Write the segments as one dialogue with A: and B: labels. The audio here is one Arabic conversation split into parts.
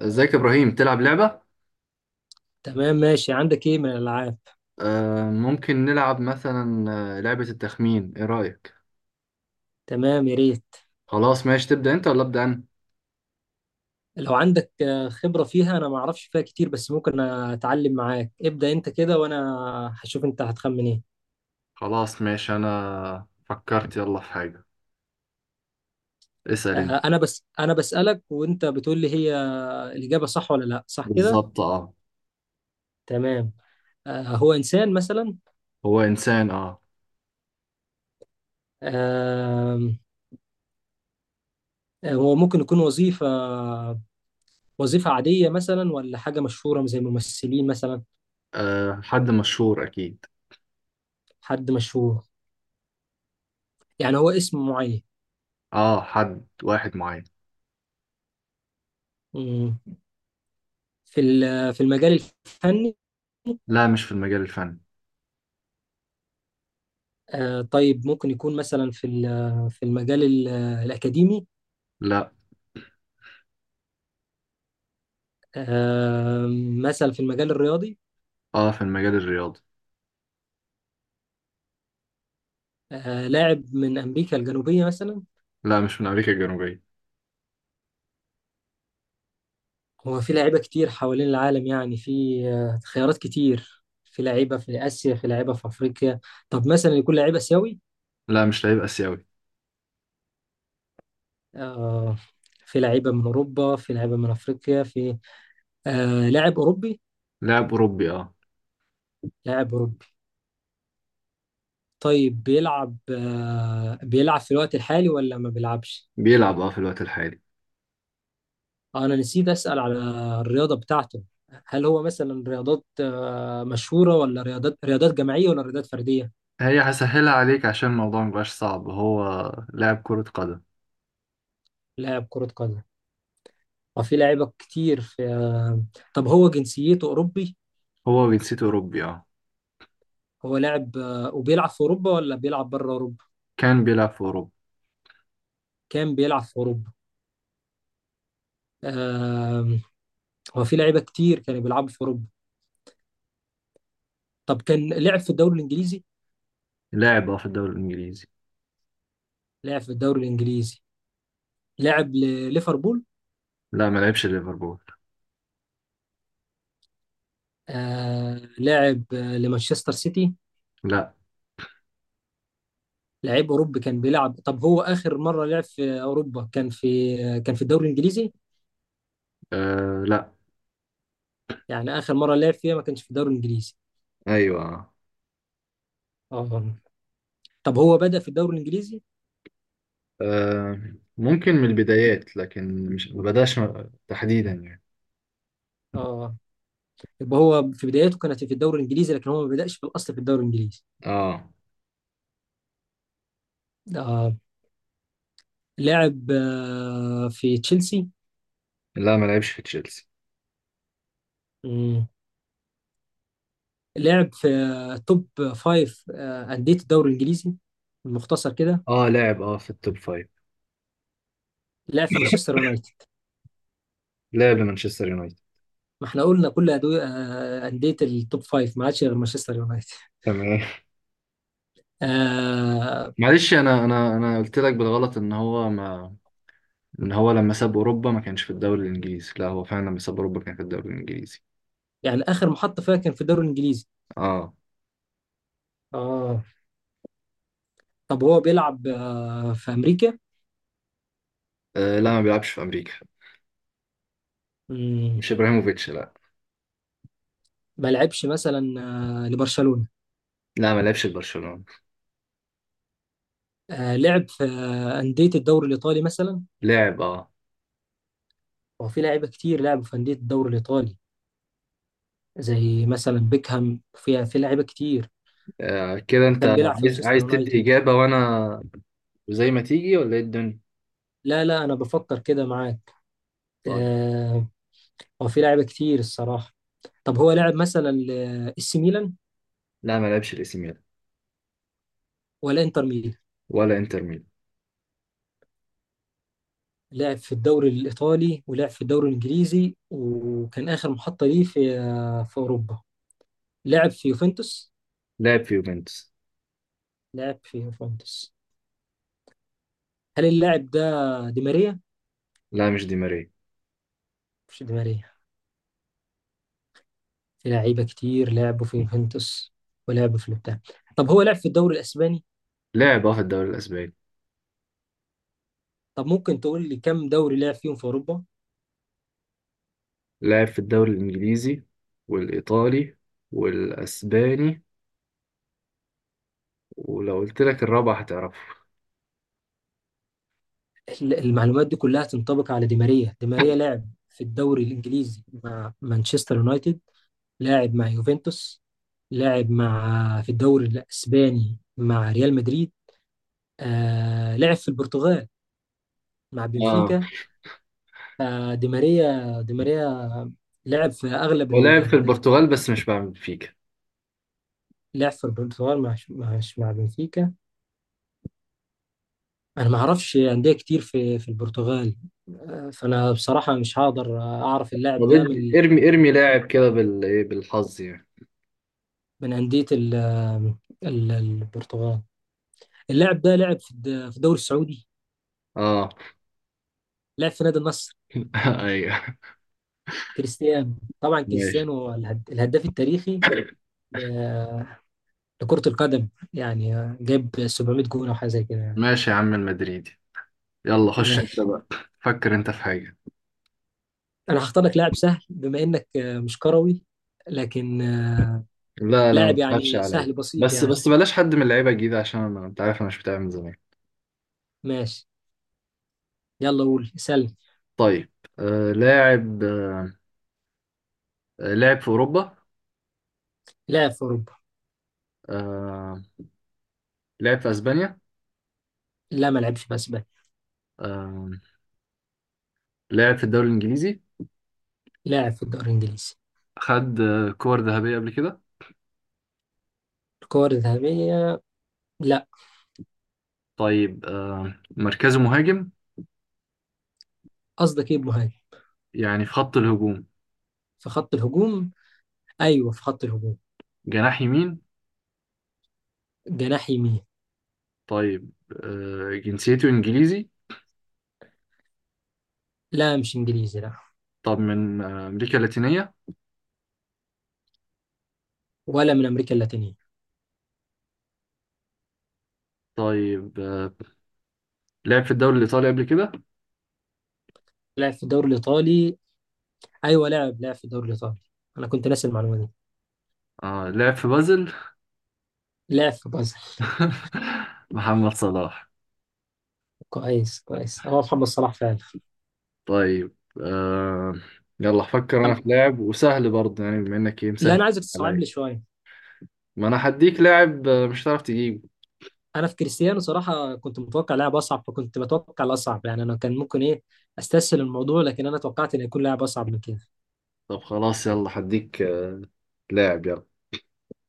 A: ازيك يا ابراهيم؟ تلعب لعبة؟
B: تمام، ماشي. عندك ايه من الالعاب؟
A: آه ممكن نلعب مثلا. لعبة التخمين، ايه رأيك؟
B: تمام، يا ريت.
A: خلاص ماشي، تبدأ انت ولا ابدأ انا؟
B: لو عندك خبرة فيها، انا ما اعرفش فيها كتير، بس ممكن اتعلم معاك. ابدأ انت كده وانا هشوف انت هتخمن ايه.
A: خلاص ماشي، انا فكرت يلا في حاجة، اسأل انت.
B: انا بسألك وانت بتقول لي هي الإجابة صح ولا لا، صح كده؟
A: بالظبط اه.
B: تمام. هو انسان مثلا؟
A: هو انسان
B: آم، هو ممكن يكون وظيفة؟ وظيفة عادية مثلا ولا حاجة مشهورة زي ممثلين مثلا؟
A: آه حد مشهور اكيد.
B: حد مشهور. يعني هو اسم معين؟
A: اه حد واحد معين.
B: مم. في في المجال الفني.
A: لا، مش في المجال الفني.
B: طيب، ممكن يكون مثلا في في المجال الأكاديمي.
A: لا،
B: آه، مثلا في المجال الرياضي.
A: اه في المجال الرياضي.
B: لاعب من أمريكا الجنوبية مثلا؟
A: لا مش من امريكا الجنوبية.
B: هو في لعيبة كتير حوالين العالم، يعني في خيارات كتير. في لعيبة في آسيا، في لعيبة في أفريقيا. طب مثلا يكون لعيب آسيوي؟
A: لا مش لاعب اسيوي.
B: آه، في لعيبة من أوروبا، في لعيبة من أفريقيا، في لاعب أوروبي؟
A: لاعب اوروبي اه.
B: لاعب أوروبي. طيب، بيلعب في الوقت الحالي ولا ما بيلعبش؟
A: بيلعب اه في الوقت الحالي.
B: انا نسيت اسال على الرياضه بتاعته. هل هو مثلا رياضات مشهوره، ولا رياضات جماعيه، ولا رياضات فرديه؟
A: هي هسهلها عليك عشان الموضوع مبقاش صعب، هو لاعب كرة قدم.
B: لاعب كره قدم. وفي لعيبه كتير في طب هو جنسيته اوروبي؟
A: هو جنسيته أوروبي اه.
B: هو لاعب وبيلعب في اوروبا ولا بيلعب بره اوروبا؟
A: كان بيلعب في أوروبا.
B: كان بيلعب في اوروبا. آه، هو في لعيبه كتير كانوا بيلعبوا في اوروبا. طب كان لعب في الدوري الانجليزي؟
A: لاعب اه في الدوري الإنجليزي.
B: لعب في الدوري الانجليزي. لعب لليفربول؟
A: لا ما لعبش ليفربول.
B: لعب لمانشستر سيتي؟
A: لا.
B: لعيب اوروبي كان بيلعب. طب هو اخر مره لعب في اوروبا كان في الدوري الانجليزي؟
A: آه لا.
B: يعني اخر مره لعب فيها ما كانش في الدوري الانجليزي؟
A: أيوة آه.
B: اه. طب هو بدأ في الدوري الانجليزي؟
A: آه، ممكن من البدايات، لكن مش ما بداش تحديدا يعني.
B: اه. يبقى هو في بدايته كانت في الدوري الانجليزي، لكن هو ما بدأش في الاصل في الدوري الانجليزي.
A: اه.
B: اه. لعب في تشيلسي؟
A: لا ما لعبش في تشيلسي.
B: مم. لعب في توب فايف أندية الدوري الانجليزي المختصر كده.
A: اه لاعب اه في التوب فايف.
B: لعب في مانشستر يونايتد؟
A: لاعب لمانشستر يونايتد.
B: ما احنا قلنا كل أندية التوب فايف، ما عادش غير مانشستر يونايتد.
A: تمام.
B: آه.
A: معلش، انا قلت لك بالغلط ان هو ما، ان هو لما ساب اوروبا ما كانش في الدوري الانجليزي. لا هو فعلا لما ساب اوروبا كان في الدوري الانجليزي.
B: يعني آخر محطة فيها كان في الدوري الإنجليزي؟
A: اه,
B: آه. طب هو بيلعب في أمريكا؟
A: آه لا ما بيلعبش في امريكا.
B: مم،
A: مش ابراهيموفيتش لا.
B: ما لعبش مثلا لبرشلونة؟
A: لا ما لعبش في برشلونة.
B: لعب في أندية الدوري الإيطالي مثلا؟
A: لعب
B: هو في لعيبة كتير لعبوا في أندية الدوري الإيطالي. زي مثلا بيكهام، في لعيبة كتير.
A: آه كده انت
B: وكان بيلعب في
A: عايز،
B: مانشستر
A: عايز تدي
B: يونايتد.
A: اجابة وانا وزي ما تيجي ولا ايه الدنيا؟
B: لا، لا، أنا بفكر كده معاك.
A: طيب.
B: آه. هو في لعيبة كتير الصراحة. طب هو لعب مثلا لإس ميلان؟
A: لا ما لعبش الاي سي ميلان.
B: ولا انتر ميلان؟
A: ولا انتر ميلان.
B: لعب في الدوري الإيطالي ولعب في الدوري الإنجليزي، وكان آخر محطة ليه في أوروبا. لعب في يوفنتوس؟
A: لعب في يوفنتوس.
B: لعب في يوفنتوس. هل اللاعب ده دي ماريا؟
A: لا مش دي ماريا.
B: مش دي ماريا. في لعيبة كتير لعبوا في يوفنتوس. ولعبوا في البتاع. طب هو لعب في الدوري الإسباني؟
A: لعب اه في الدوري الاسباني.
B: طب ممكن تقول لي كم دوري لعب فيهم في أوروبا؟
A: لعب في الدوري الانجليزي والايطالي والاسباني، ولو قلت لك الرابع هتعرفه.
B: المعلومات دي كلها تنطبق على دي ماريا. دي ماريا لعب في الدوري الإنجليزي مع مانشستر يونايتد. لاعب مع يوفنتوس. لاعب مع، في الدوري الاسباني مع ريال مدريد. لعب في البرتغال مع
A: اه
B: بنفيكا. دي ماريا، دي ماريا. لعب في اغلب
A: هو لاعب في
B: ال.
A: البرتغال بس مش بعمل فيك.
B: لعب في البرتغال مع بنفيكا. انا ما اعرفش انديه كتير في البرتغال. فانا بصراحه مش هقدر اعرف اللاعب
A: طب
B: ده من
A: ارمي لاعب كده بال ايه، بالحظ يعني.
B: من انديه البرتغال. اللاعب ده لعب في الدوري السعودي.
A: اه.
B: لعب في نادي النصر؟
A: ايوه.
B: كريستيانو. طبعا
A: ماشي.
B: كريستيانو هو الهداف التاريخي ل- لكرة القدم، يعني جاب 700 جون او حاجه زي كده، يعني.
A: ماشي يا عم المدريدي. يلا خش انت
B: ماشي.
A: بقى، فكر انت في حاجة.
B: انا هختار لك لاعب سهل بما انك مش كروي. لكن
A: لا لا ما
B: لاعب
A: تخافش
B: يعني
A: عليا.
B: سهل بسيط
A: بس
B: يعني.
A: بس بلاش حد من اللعيبة الجديدة، عشان انا انت عارف انا مش بتاع من زمان.
B: ماشي، يلا قول سلم.
A: طيب. آه لاعب آه، لاعب في اوروبا.
B: لاعب في اوروبا.
A: آه لاعب في اسبانيا.
B: لا، ما لعبش في اسبانيا.
A: آه لاعب في الدوري الانجليزي.
B: لاعب في الدوري الانجليزي.
A: خد آه كور ذهبية قبل كده؟
B: الكور الذهبيه؟ لا.
A: طيب آه مركزه مهاجم.
B: قصدك ايه بمهاجم؟
A: يعني في خط الهجوم.
B: في خط الهجوم. ايوه، في خط الهجوم.
A: جناح يمين.
B: جناح يمين.
A: طيب، جنسيته إنجليزي.
B: لا، مش انجليزي، لا.
A: طب من أمريكا اللاتينية.
B: ولا من امريكا اللاتينيه.
A: طيب، لعب في الدوري الإيطالي قبل كده.
B: لعب في الدوري الايطالي؟ ايوه، لعب في الدوري الايطالي. انا كنت ناسي المعلومه دي.
A: لعب في بازل.
B: لعب في بازل.
A: محمد صلاح.
B: كويس، كويس، هو محمد صلاح فعلا.
A: طيب. آه، يلا أفكر أنا
B: أم-
A: في لاعب، وسهل برضه يعني بما إنك إيه
B: لا،
A: مسهل
B: انا عايزك تصعب
A: عليا.
B: لي شويه.
A: ما أنا هديك لاعب مش هتعرف تجيبه.
B: انا في كريستيانو صراحه كنت متوقع لاعب اصعب، فكنت بتوقع الاصعب، يعني انا كان ممكن ايه استسهل الموضوع، لكن انا توقعت ان يكون لاعب اصعب من كده.
A: طب خلاص يلا هديك لاعب يلا.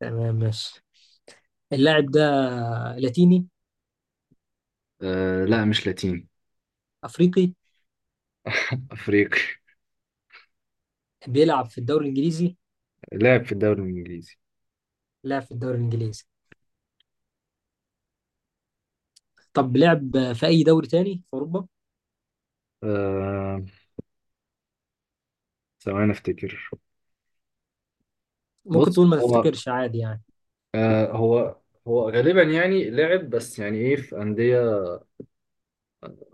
B: تمام، ماشي. اللاعب ده لاتيني؟
A: لا مش لاتيني.
B: افريقي؟
A: أفريقي.
B: بيلعب في الدوري الانجليزي؟
A: لعب في الدوري الإنجليزي.
B: لعب في الدوري الانجليزي. طب لعب في اي دوري تاني في اوروبا؟
A: آه، ثواني أفتكر.
B: ممكن
A: بص
B: تقول ما
A: هو،
B: تفتكرش، عادي يعني.
A: آه هو، هو غالبا يعني لعب بس يعني ايه في أندية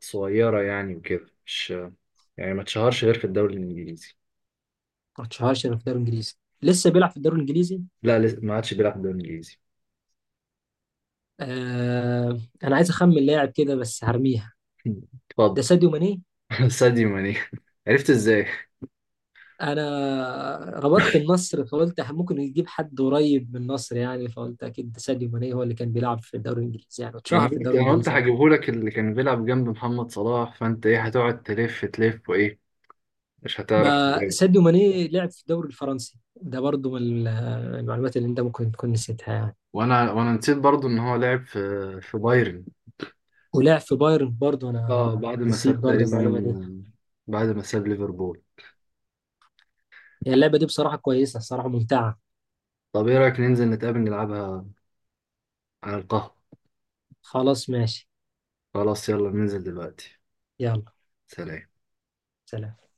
A: صغيرة يعني وكده، مش يعني ما اتشهرش غير في الدوري الإنجليزي.
B: ما تشهرش إنه في الدوري الانجليزي. لسه بيلعب في الدوري الانجليزي؟
A: لا لسه ما عادش بيلعب في الدوري الإنجليزي.
B: آه. انا عايز اخمن لاعب كده، بس هرميها.
A: اتفضل.
B: ده ساديو ماني؟
A: ساديو ماني. عرفت ازاي؟
B: انا ربطت النصر فقلت ممكن يجيب حد قريب من النصر، يعني فقلت اكيد ده ساديو ماني هو اللي كان بيلعب في الدوري الانجليزي، يعني
A: انا
B: اتشهر في
A: قلت،
B: الدوري
A: انا قلت
B: الانجليزي اكتر.
A: هجيبه لك اللي كان بيلعب جنب محمد صلاح، فانت ايه هتقعد تلف وايه، مش هتعرف
B: ما
A: تجاوب.
B: ساديو ماني لعب في الدوري الفرنسي ده برضو من المعلومات اللي انت ممكن تكون نسيتها، يعني.
A: وانا نسيت برضو ان هو لعب في، في بايرن.
B: ولعب في بايرن برضو،
A: اه
B: انا
A: بعد ما
B: نسيت
A: ساب
B: برضو
A: تقريبا،
B: المعلومه دي.
A: بعد ما ساب ليفربول.
B: هي اللعبه دي بصراحه كويسه، الصراحه ممتعه.
A: طب ايه رايك ننزل نتقابل نلعبها على القهوة؟
B: خلاص، ماشي.
A: خلاص يلا ننزل دلوقتي.
B: يلا.
A: سلام.
B: سلام.